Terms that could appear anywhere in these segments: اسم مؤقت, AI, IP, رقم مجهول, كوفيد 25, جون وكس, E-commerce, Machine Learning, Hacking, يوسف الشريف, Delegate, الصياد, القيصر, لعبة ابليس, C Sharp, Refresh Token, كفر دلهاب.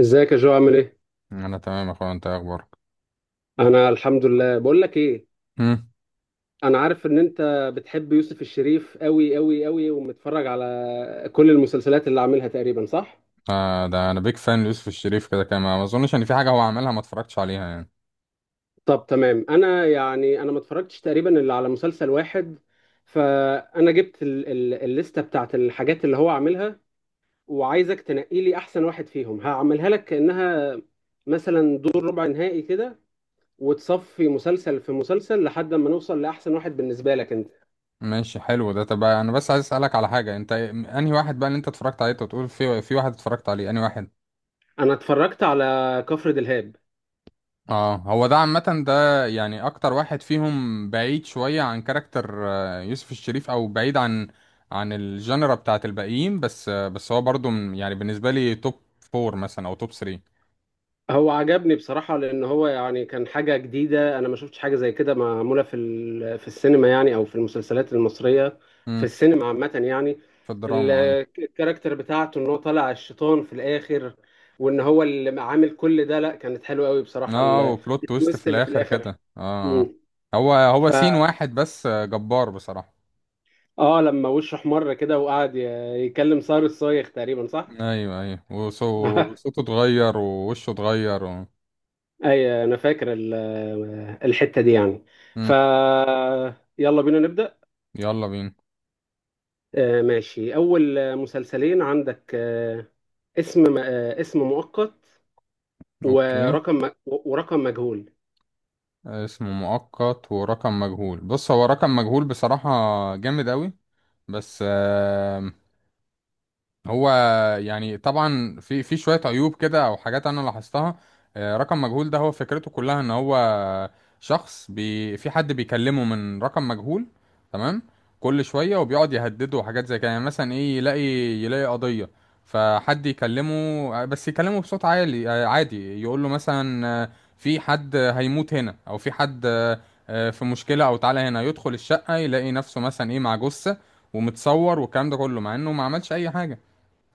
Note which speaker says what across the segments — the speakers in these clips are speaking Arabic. Speaker 1: ازيك يا جو، عامل ايه؟
Speaker 2: انا تمام يا اخويا، انت إيه اخبارك؟
Speaker 1: انا الحمد لله. بقول لك ايه،
Speaker 2: امم
Speaker 1: انا عارف ان انت بتحب يوسف الشريف قوي قوي قوي ومتفرج على كل المسلسلات اللي عاملها تقريبا، صح؟
Speaker 2: آه، ده انا بيك فان ليوسف الشريف كده كده، ما اظنش ان في حاجه هو عملها ما اتفرجتش عليها يعني.
Speaker 1: طب تمام. انا يعني انا ما اتفرجتش تقريبا الا على مسلسل واحد. فانا جبت ال ال الليسته بتاعت الحاجات اللي هو عاملها، وعايزك تنقي لي احسن واحد فيهم. هعملها لك كانها مثلا دور ربع نهائي كده، وتصفي مسلسل في مسلسل لحد ما نوصل لاحسن واحد بالنسبه لك انت.
Speaker 2: ماشي، حلو ده. طب انا بس عايز اسالك على حاجه، انت انهي واحد بقى اللي انت اتفرجت عليه؟ أنت بتقول في واحد اتفرجت عليه، انهي واحد؟
Speaker 1: انا اتفرجت على كفر دلهاب.
Speaker 2: اه، هو ده عامه. ده يعني اكتر واحد فيهم بعيد شويه عن كاركتر يوسف الشريف، او بعيد عن الجنرا بتاعت الباقيين، بس هو برضو يعني بالنسبه لي توب فور مثلا، او توب 3.
Speaker 1: هو عجبني بصراحة، لان هو يعني كان حاجة جديدة، انا ما شفتش حاجة زي كده معمولة في السينما، يعني او في المسلسلات المصرية. في
Speaker 2: امم
Speaker 1: السينما عامة يعني.
Speaker 2: في
Speaker 1: ال-
Speaker 2: الدراما، ايوه.
Speaker 1: الكاركتر بتاعته ان هو طالع الشيطان في الاخر، وان هو اللي عامل كل ده، لا كانت حلوة قوي بصراحة.
Speaker 2: اه،
Speaker 1: ال-
Speaker 2: وبلوت تويست في
Speaker 1: التويست اللي في
Speaker 2: الاخر
Speaker 1: الاخر.
Speaker 2: كده، اه، آه.
Speaker 1: مم.
Speaker 2: هو
Speaker 1: ف
Speaker 2: سين واحد، بس جبار بصراحة.
Speaker 1: اه، لما وشه احمر كده وقعد يكلم صار الصايغ تقريبا، صح؟
Speaker 2: ايوه، ايوه، وصوته اتغير ووشه اتغير و.
Speaker 1: اي، انا فاكر الحتة دي يعني. ف
Speaker 2: مم.
Speaker 1: يلا بينا نبدأ.
Speaker 2: يلا بينا.
Speaker 1: ماشي. اول مسلسلين عندك، اسم مؤقت،
Speaker 2: اوكي.
Speaker 1: ورقم مجهول.
Speaker 2: اسمه مؤقت ورقم مجهول. بص، هو رقم مجهول بصراحة جامد اوي، بس هو يعني طبعا في شويه عيوب كده او حاجات انا لاحظتها. رقم مجهول ده، هو فكرته كلها ان هو شخص في حد بيكلمه من رقم مجهول. تمام. كل شويه وبيقعد يهدده وحاجات زي كده. يعني مثلا ايه، يلاقي قضيه فحد يكلمه، بس يكلمه بصوت عالي، عادي يقول له مثلا في حد هيموت هنا، او في حد في مشكله، او تعالى هنا. يدخل الشقه يلاقي نفسه مثلا ايه مع جثه ومتصور، والكلام ده كله مع انه ما عملش اي حاجه،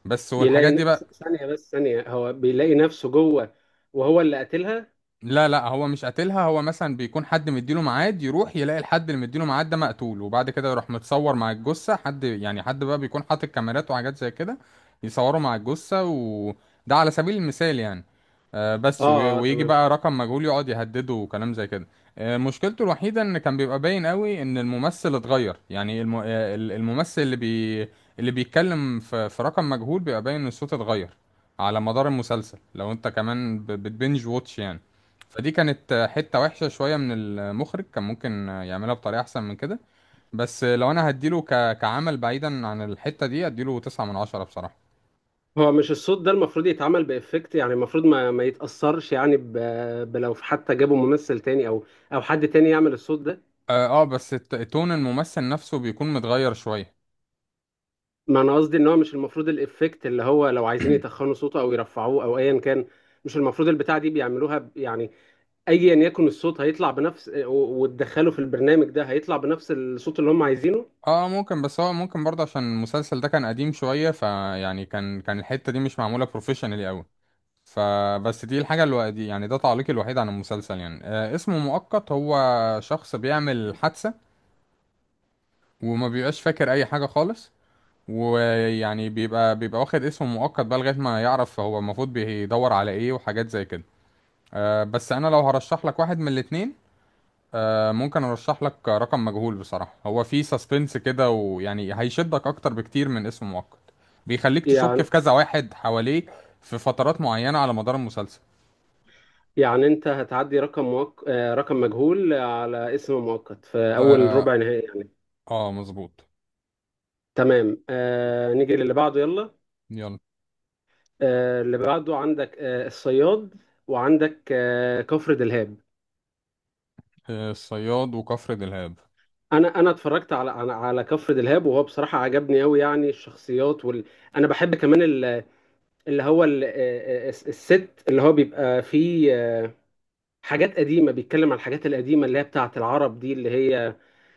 Speaker 2: بس، والحاجات دي بقى.
Speaker 1: ثانية، بس ثانية هو بيلاقي نفسه جوه وهو اللي قتلها.
Speaker 2: لا، لا، هو مش قاتلها. هو مثلا بيكون حد مديله ميعاد، يروح يلاقي الحد اللي مديله ميعاد ده مقتول، وبعد كده يروح متصور مع الجثة، حد يعني حد بقى بيكون حاطط كاميرات وحاجات زي كده يصوروا مع الجثة، وده على سبيل المثال يعني.
Speaker 1: اه
Speaker 2: بس
Speaker 1: اه،
Speaker 2: ويجي
Speaker 1: تمام.
Speaker 2: بقى رقم مجهول يقعد يهدده وكلام زي كده. مشكلته الوحيدة ان كان بيبقى باين قوي ان الممثل اتغير، يعني الممثل اللي اللي بيتكلم في رقم مجهول بيبقى باين ان الصوت اتغير على مدار المسلسل، لو انت كمان بتبنج واتش يعني. فدي كانت حتة وحشة شوية من المخرج، كان ممكن يعملها بطريقة أحسن من كده. بس لو أنا هديله كعمل بعيدا عن الحتة دي، هديله تسعة من عشرة بصراحة.
Speaker 1: هو مش الصوت ده المفروض يتعمل بإفكت، يعني المفروض ما يتأثرش، يعني بلو حتى جابوا ممثل تاني، او حد تاني يعمل الصوت ده.
Speaker 2: آه، آه، بس تون الممثل نفسه بيكون متغير شوية.
Speaker 1: ما انا قصدي ان هو مش المفروض الافكت اللي هو لو عايزين يتخنوا صوته او يرفعوه او ايا كان، مش المفروض البتاع دي بيعملوها يعني ايا يكن الصوت هيطلع بنفس، وتدخله في البرنامج ده هيطلع بنفس الصوت اللي هم عايزينه،
Speaker 2: آه، آه، ممكن. بس هو ممكن برضه عشان المسلسل ده كان قديم شوية، فيعني كان الحتة دي مش معمولة بروفيشنالي أوي. فبس دي الحاجة اللي دي يعني، ده تعليقي الوحيد عن المسلسل يعني. اسمه مؤقت، هو شخص بيعمل حادثة وما بيبقاش فاكر أي حاجة خالص، ويعني بيبقى واخد اسم مؤقت بقى لغاية ما يعرف هو المفروض بيدور على ايه وحاجات زي كده. بس انا لو هرشح لك واحد من الاتنين، ممكن ارشح لك رقم مجهول بصراحة. هو فيه سسبنس كده، ويعني هيشدك اكتر بكتير من اسم مؤقت. بيخليك تشك
Speaker 1: يعني
Speaker 2: في كذا واحد حواليه في فترات معينة على مدار المسلسل.
Speaker 1: يعني انت هتعدي رقم موك... آه، رقم مجهول على اسم مؤقت في اول
Speaker 2: اه،
Speaker 1: ربع نهائي يعني.
Speaker 2: آه، مظبوط.
Speaker 1: تمام. نيجي للي بعده، يلا.
Speaker 2: يلا.
Speaker 1: اللي بعده عندك الصياد، وعندك كفر دلهاب.
Speaker 2: الصياد وكفر دلهاب.
Speaker 1: انا اتفرجت على كفر دلهاب، وهو بصراحه عجبني قوي. يعني الشخصيات انا بحب كمان ال- اللي هو ال... الس- الست اللي هو بيبقى فيه حاجات قديمه، بيتكلم عن الحاجات القديمه اللي هي بتاعه العرب دي، اللي هي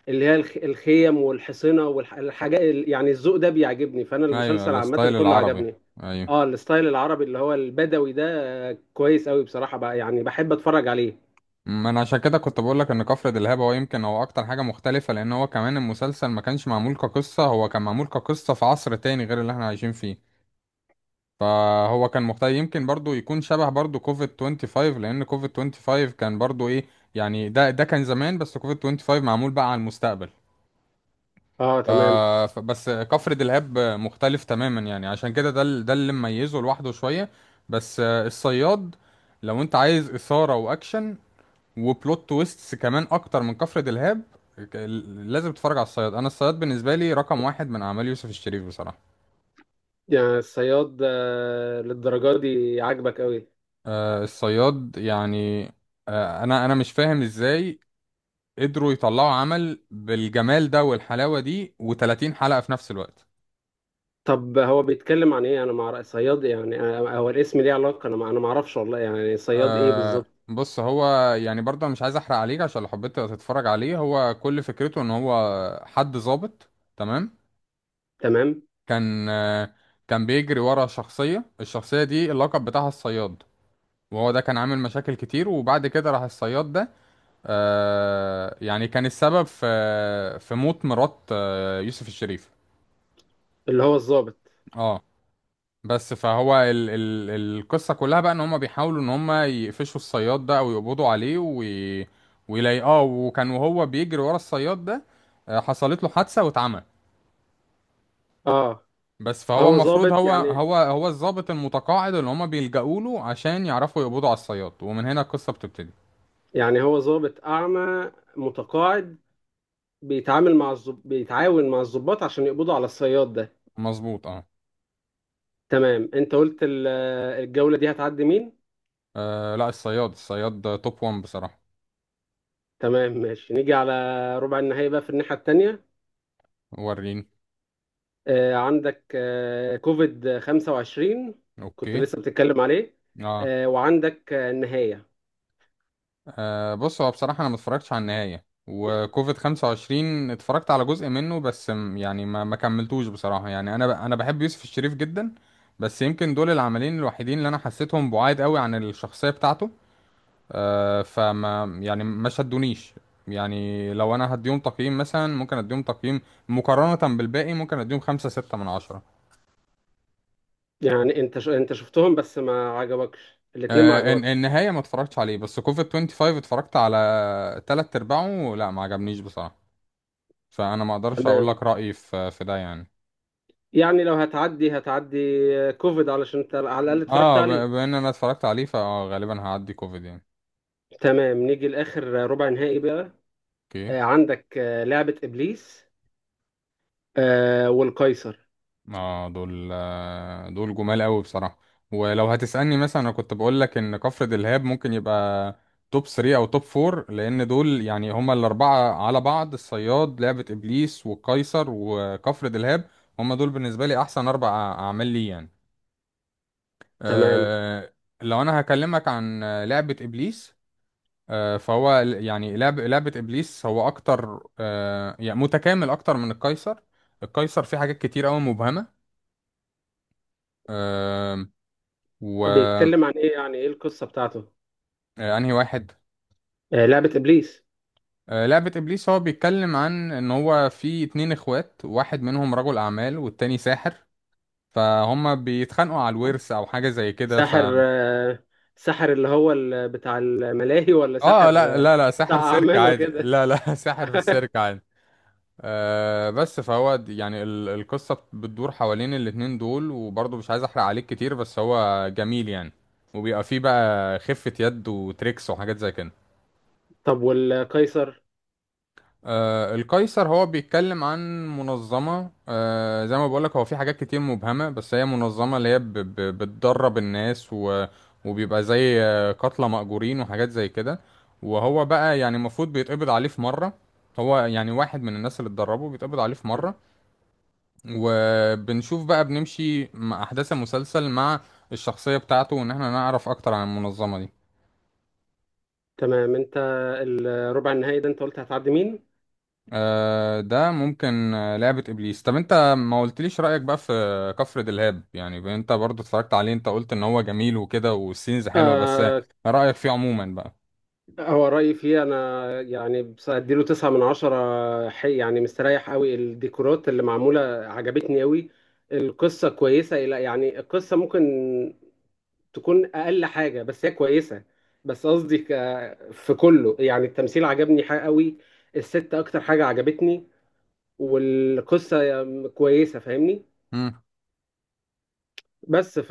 Speaker 1: اللي هي الخ... الخيم والحصنه والحاجات. يعني الذوق ده بيعجبني، فانا
Speaker 2: ايوه،
Speaker 1: المسلسل عامه
Speaker 2: الستايل
Speaker 1: كله
Speaker 2: العربي.
Speaker 1: عجبني.
Speaker 2: ايوه.
Speaker 1: اه الستايل العربي اللي هو البدوي ده، كويس قوي بصراحه بقى، يعني بحب اتفرج عليه.
Speaker 2: ما انا عشان كده كنت بقول لك ان كفر دلهاب هو، يمكن هو اكتر حاجه مختلفه، لان هو كمان المسلسل ما كانش معمول كقصه، هو كان معمول كقصه في عصر تاني غير اللي احنا عايشين فيه. فهو كان مختلف. يمكن برضو يكون شبه برضو كوفيد 25، لان كوفيد 25 كان برضو ايه، يعني ده كان زمان، بس كوفيد 25 معمول بقى على المستقبل.
Speaker 1: اه،
Speaker 2: ف...
Speaker 1: تمام.
Speaker 2: بس كفر دلهاب مختلف تماما يعني، عشان كده ده اللي مميزه لوحده شويه. بس الصياد، لو انت عايز اثاره واكشن وبلوت تويستس كمان اكتر من كفر دلهاب، ك- لازم تتفرج على الصياد. انا الصياد بالنسبه لي رقم واحد من اعمال يوسف الشريف بصراحه.
Speaker 1: يعني الصياد للدرجه دي عاجبك قوي؟
Speaker 2: آه، الصياد يعني. انا مش فاهم ازاي قدروا يطلعوا عمل بالجمال ده والحلاوه دي و30 حلقه في نفس الوقت.
Speaker 1: طب هو بيتكلم عن ايه؟ انا مع رأي صياد يعني، هو الاسم ليه علاقة؟ انا ما اعرفش والله، يعني صياد ايه بالظبط؟
Speaker 2: بص، هو يعني برضه أنا مش عايز احرق عليك، عشان لو حبيت تتفرج عليه. هو كل فكرته ان هو حد ظابط. تمام.
Speaker 1: تمام،
Speaker 2: كان آه كان بيجري ورا شخصيه، الشخصيه دي اللقب بتاعها الصياد، وهو ده كان عامل مشاكل كتير، وبعد كده راح الصياد ده يعني كان السبب في موت مرات يوسف الشريف.
Speaker 1: اللي هو الضابط.
Speaker 2: اه، بس فهو ال القصة كلها بقى ان هم بيحاولوا ان هم يقفشوا الصياد ده او يقبضوا عليه ويلاقيه. وهو بيجري ورا الصياد ده حصلت له حادثة واتعمى.
Speaker 1: اه،
Speaker 2: بس فهو
Speaker 1: فهو
Speaker 2: المفروض
Speaker 1: ضابط
Speaker 2: هو
Speaker 1: يعني،
Speaker 2: هو هو الضابط المتقاعد اللي هم بيلجأوا له عشان يعرفوا يقبضوا على الصياد، ومن هنا القصة بتبتدي.
Speaker 1: يعني هو ضابط اعمى متقاعد، بيتعاون مع الضباط عشان يقبضوا على الصياد ده.
Speaker 2: مظبوط، اه.
Speaker 1: تمام. انت قلت الجولة دي هتعدي مين؟
Speaker 2: لا، الصياد، الصياد ده توب 1 بصراحة.
Speaker 1: تمام ماشي. نيجي على ربع النهائي بقى في الناحية التانية.
Speaker 2: وريني.
Speaker 1: عندك كوفيد 25. كنت
Speaker 2: اوكي.
Speaker 1: لسه بتتكلم عليه.
Speaker 2: اه،
Speaker 1: وعندك النهاية.
Speaker 2: آه، بص، هو بصراحة انا ما اتفرجتش على النهاية، وكوفيد 25 اتفرجت على جزء منه بس، يعني ما كملتوش بصراحة. يعني انا بحب يوسف الشريف جدا. بس يمكن دول العملين الوحيدين اللي انا حسيتهم بعاد قوي عن الشخصية بتاعته. فما يعني ما شدونيش. يعني لو انا هديهم تقييم، مثلا ممكن اديهم تقييم مقارنة بالباقي، ممكن اديهم خمسة ستة من عشرة.
Speaker 1: يعني انت شفتهم بس ما عجبكش الاتنين، ما عجبكش.
Speaker 2: النهاية ما اتفرجتش عليه، بس كوفيد 25 اتفرجت على تلات ارباعه، لا ما عجبنيش بصراحة. فانا ما اقدرش اقول
Speaker 1: تمام.
Speaker 2: لك رأيي في ده يعني.
Speaker 1: يعني لو هتعدي كوفيد علشان انت على الاقل اتفرجت
Speaker 2: اه،
Speaker 1: عليه.
Speaker 2: بما ان انا اتفرجت عليه فغالبا هعدي كوفيد يعني.
Speaker 1: تمام نيجي لاخر ربع نهائي بقى.
Speaker 2: اوكي.
Speaker 1: عندك لعبة ابليس والقيصر.
Speaker 2: اه، دول جمال قوي بصراحة. ولو هتسألني، مثلا انا كنت بقول لك ان كفر دلهاب ممكن يبقى توب 3 او توب 4، لان دول يعني هما الاربعة على بعض: الصياد، لعبة ابليس، والقيصر، وكفر دلهاب. هما دول بالنسبة لي احسن اربع اعمال لي يعني.
Speaker 1: تمام،
Speaker 2: آه، لو انا هكلمك عن لعبة ابليس، فهو يعني لعبة ابليس هو اكتر، يعني متكامل اكتر من القيصر. القيصر فيه حاجات كتير قوي مبهمة. آه، و آه،
Speaker 1: بيتكلم عن ايه؟ يعني ايه القصة بتاعته؟
Speaker 2: انهي واحد؟
Speaker 1: لعبة ابليس.
Speaker 2: لعبة ابليس هو بيتكلم عن ان هو في اتنين اخوات، واحد منهم رجل اعمال والتاني ساحر، فهما بيتخانقوا على الورث او حاجة زي كده،
Speaker 1: ساحر ساحر اللي هو بتاع الملاهي، ولا
Speaker 2: اه،
Speaker 1: ساحر
Speaker 2: لا، لا، لا،
Speaker 1: بتاع
Speaker 2: ساحر سيرك
Speaker 1: اعمال
Speaker 2: عادي،
Speaker 1: وكده؟
Speaker 2: لا، لا، ساحر في السيرك عادي. بس فهو يعني القصة بتدور حوالين الاتنين دول، وبرضه مش عايز احرق عليك كتير، بس هو جميل يعني. وبيبقى فيه بقى خفة يد وتريكس وحاجات زي كده.
Speaker 1: طب والقيصر.
Speaker 2: القيصر هو بيتكلم عن منظمة، زي ما بقولك هو في حاجات كتير مبهمة، بس هي منظمة اللي هي بتدرب الناس و وبيبقى زي قتلى مأجورين وحاجات زي كده. وهو بقى يعني المفروض بيتقبض عليه في مرة، هو يعني واحد من الناس اللي اتدربوا بيتقبض عليه في مرة، وبنشوف بقى بنمشي مع أحداث المسلسل مع الشخصية بتاعته، وإن احنا نعرف أكتر عن المنظمة دي.
Speaker 1: تمام. انت الربع النهائي ده انت قلت هتعدي مين؟
Speaker 2: ده ممكن لعبة إبليس. طب أنت ما قلتليش رأيك بقى في كفر دلهاب يعني، أنت برضو اتفرجت عليه. أنت قلت إن هو جميل وكده والسينز حلوة، بس
Speaker 1: آه
Speaker 2: رأيك فيه عموما بقى؟
Speaker 1: هو رأيي فيه أنا، يعني بس أديله تسعة من عشرة، حي يعني، مستريح قوي. الديكورات اللي معمولة عجبتني قوي. القصة كويسة، إلى يعني القصة ممكن تكون أقل حاجة، بس هي كويسة. بس قصدي في كله، يعني التمثيل عجبني حاجة قوي. الست أكتر حاجة عجبتني، والقصة كويسة، فاهمني؟
Speaker 2: مم.
Speaker 1: بس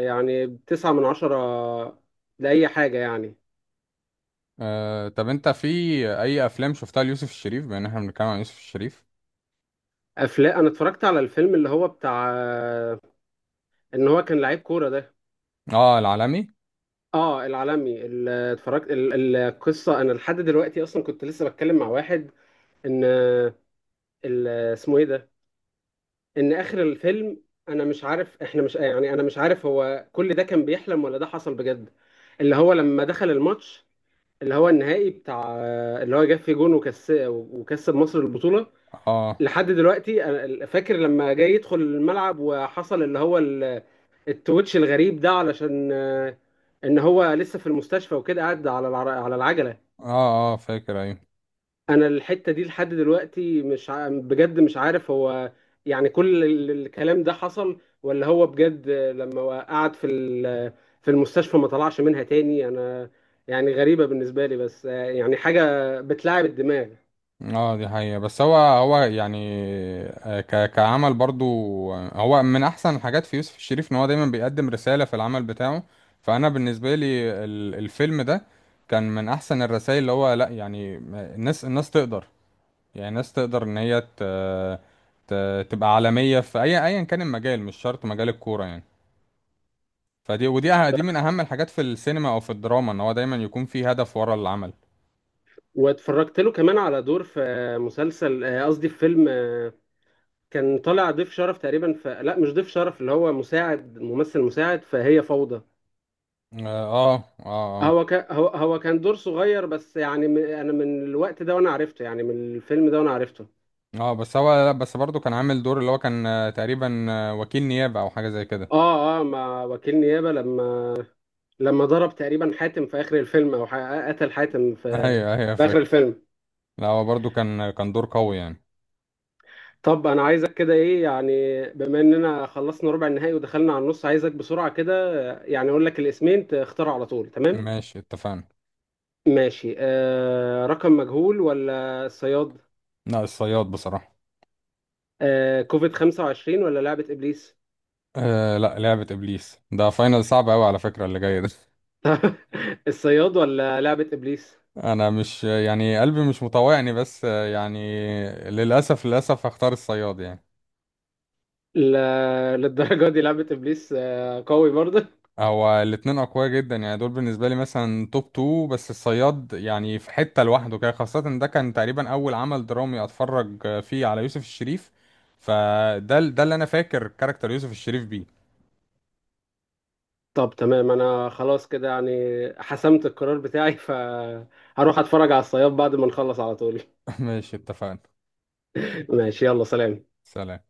Speaker 1: يعني تسعة من عشرة لأي حاجة يعني.
Speaker 2: طب أنت في أي أفلام شفتها ليوسف الشريف، بما إن احنا بنتكلم عن يوسف الشريف؟
Speaker 1: افلام، انا اتفرجت على الفيلم اللي هو بتاع ان هو كان لعيب كوره ده.
Speaker 2: اه، العالمي.
Speaker 1: اه العالمي. اتفرجت القصه. انا لحد دلوقتي اصلا كنت لسه بتكلم مع واحد، ان اسمه ايه ده، ان اخر الفيلم انا مش عارف، احنا مش يعني انا مش عارف هو كل ده كان بيحلم ولا ده حصل بجد. اللي هو لما دخل الماتش، اللي هو النهائي بتاع، اللي هو جاب فيه جون وكس وكسب مصر البطوله.
Speaker 2: اه،
Speaker 1: لحد دلوقتي أنا فاكر، لما جاي يدخل الملعب وحصل اللي هو التويتش الغريب ده، علشان ان هو لسه في المستشفى وكده قاعد على العجله.
Speaker 2: اه، اه، فاكر، أيوه.
Speaker 1: انا الحته دي لحد دلوقتي مش ع... بجد مش عارف هو يعني كل الكلام ده حصل، ولا هو بجد لما هو قعد في المستشفى ما طلعش منها تاني. انا يعني غريبه بالنسبه لي بس، يعني حاجه بتلعب الدماغ.
Speaker 2: اه، دي حقيقة، بس هو يعني آه، ك كعمل برضو، هو من احسن الحاجات في يوسف الشريف ان هو دايما بيقدم رسالة في العمل بتاعه. فانا بالنسبة لي الفيلم ده كان من احسن الرسائل، اللي هو لا يعني الناس تقدر، يعني الناس تقدر ان هي ت ت تبقى عالمية في اي، ايا كان المجال، مش شرط مجال الكورة يعني. دي من اهم الحاجات في السينما او في الدراما، ان هو دايما يكون في هدف ورا العمل.
Speaker 1: واتفرجت له كمان على دور في مسلسل، قصدي في فيلم، كان طالع ضيف شرف تقريبا، لا مش ضيف شرف، اللي هو مساعد ممثل مساعد فهي فوضى.
Speaker 2: اه، اه، اه، آه.
Speaker 1: هو ك... هو هو كان دور صغير، بس يعني انا من الوقت ده وانا عرفته، يعني من الفيلم ده وانا عرفته.
Speaker 2: اه، بس هو لا، بس برضه كان عامل دور اللي هو كان تقريبا وكيل نيابة او حاجة زي كده
Speaker 1: اه اه، مع وكيل نيابة، لما ضرب تقريبا حاتم في اخر الفيلم، قتل حاتم في
Speaker 2: ايوه، ايوه،
Speaker 1: في اخر
Speaker 2: فاكر.
Speaker 1: الفيلم.
Speaker 2: لا، هو برضه كان دور قوي يعني.
Speaker 1: طب انا عايزك كده ايه، يعني بما اننا خلصنا ربع النهائي ودخلنا على النص، عايزك بسرعة كده، يعني اقول لك الاسمين تختاروا على طول. تمام
Speaker 2: ماشي، اتفقنا.
Speaker 1: ماشي. رقم مجهول ولا الصياد؟
Speaker 2: لا، الصياد بصراحة.
Speaker 1: كوفيد 25 ولا لعبة إبليس؟
Speaker 2: آه، لا، لعبة ابليس. ده فاينل صعب قوي على فكرة اللي جاي ده.
Speaker 1: الصياد ولا لعبة إبليس؟
Speaker 2: انا مش يعني قلبي مش مطوعني، بس يعني للاسف، للاسف، هختار الصياد يعني.
Speaker 1: لا للدرجة دي لعبة إبليس قوي برضه.
Speaker 2: هو الاتنين اقوياء جدا يعني، دول بالنسبه لي مثلا توب 2. بس الصياد يعني في حته لوحده كده، خاصه إن ده كان تقريبا اول عمل درامي اتفرج فيه على يوسف الشريف. فده ال- ده اللي انا فاكر كاركتر يوسف الشريف بيه.
Speaker 1: طب تمام. أنا خلاص كده يعني حسمت القرار بتاعي، فهروح أتفرج على الصياد بعد ما نخلص على طول.
Speaker 2: ماشي، اتفقنا.
Speaker 1: ماشي يلا سلام.
Speaker 2: سلام.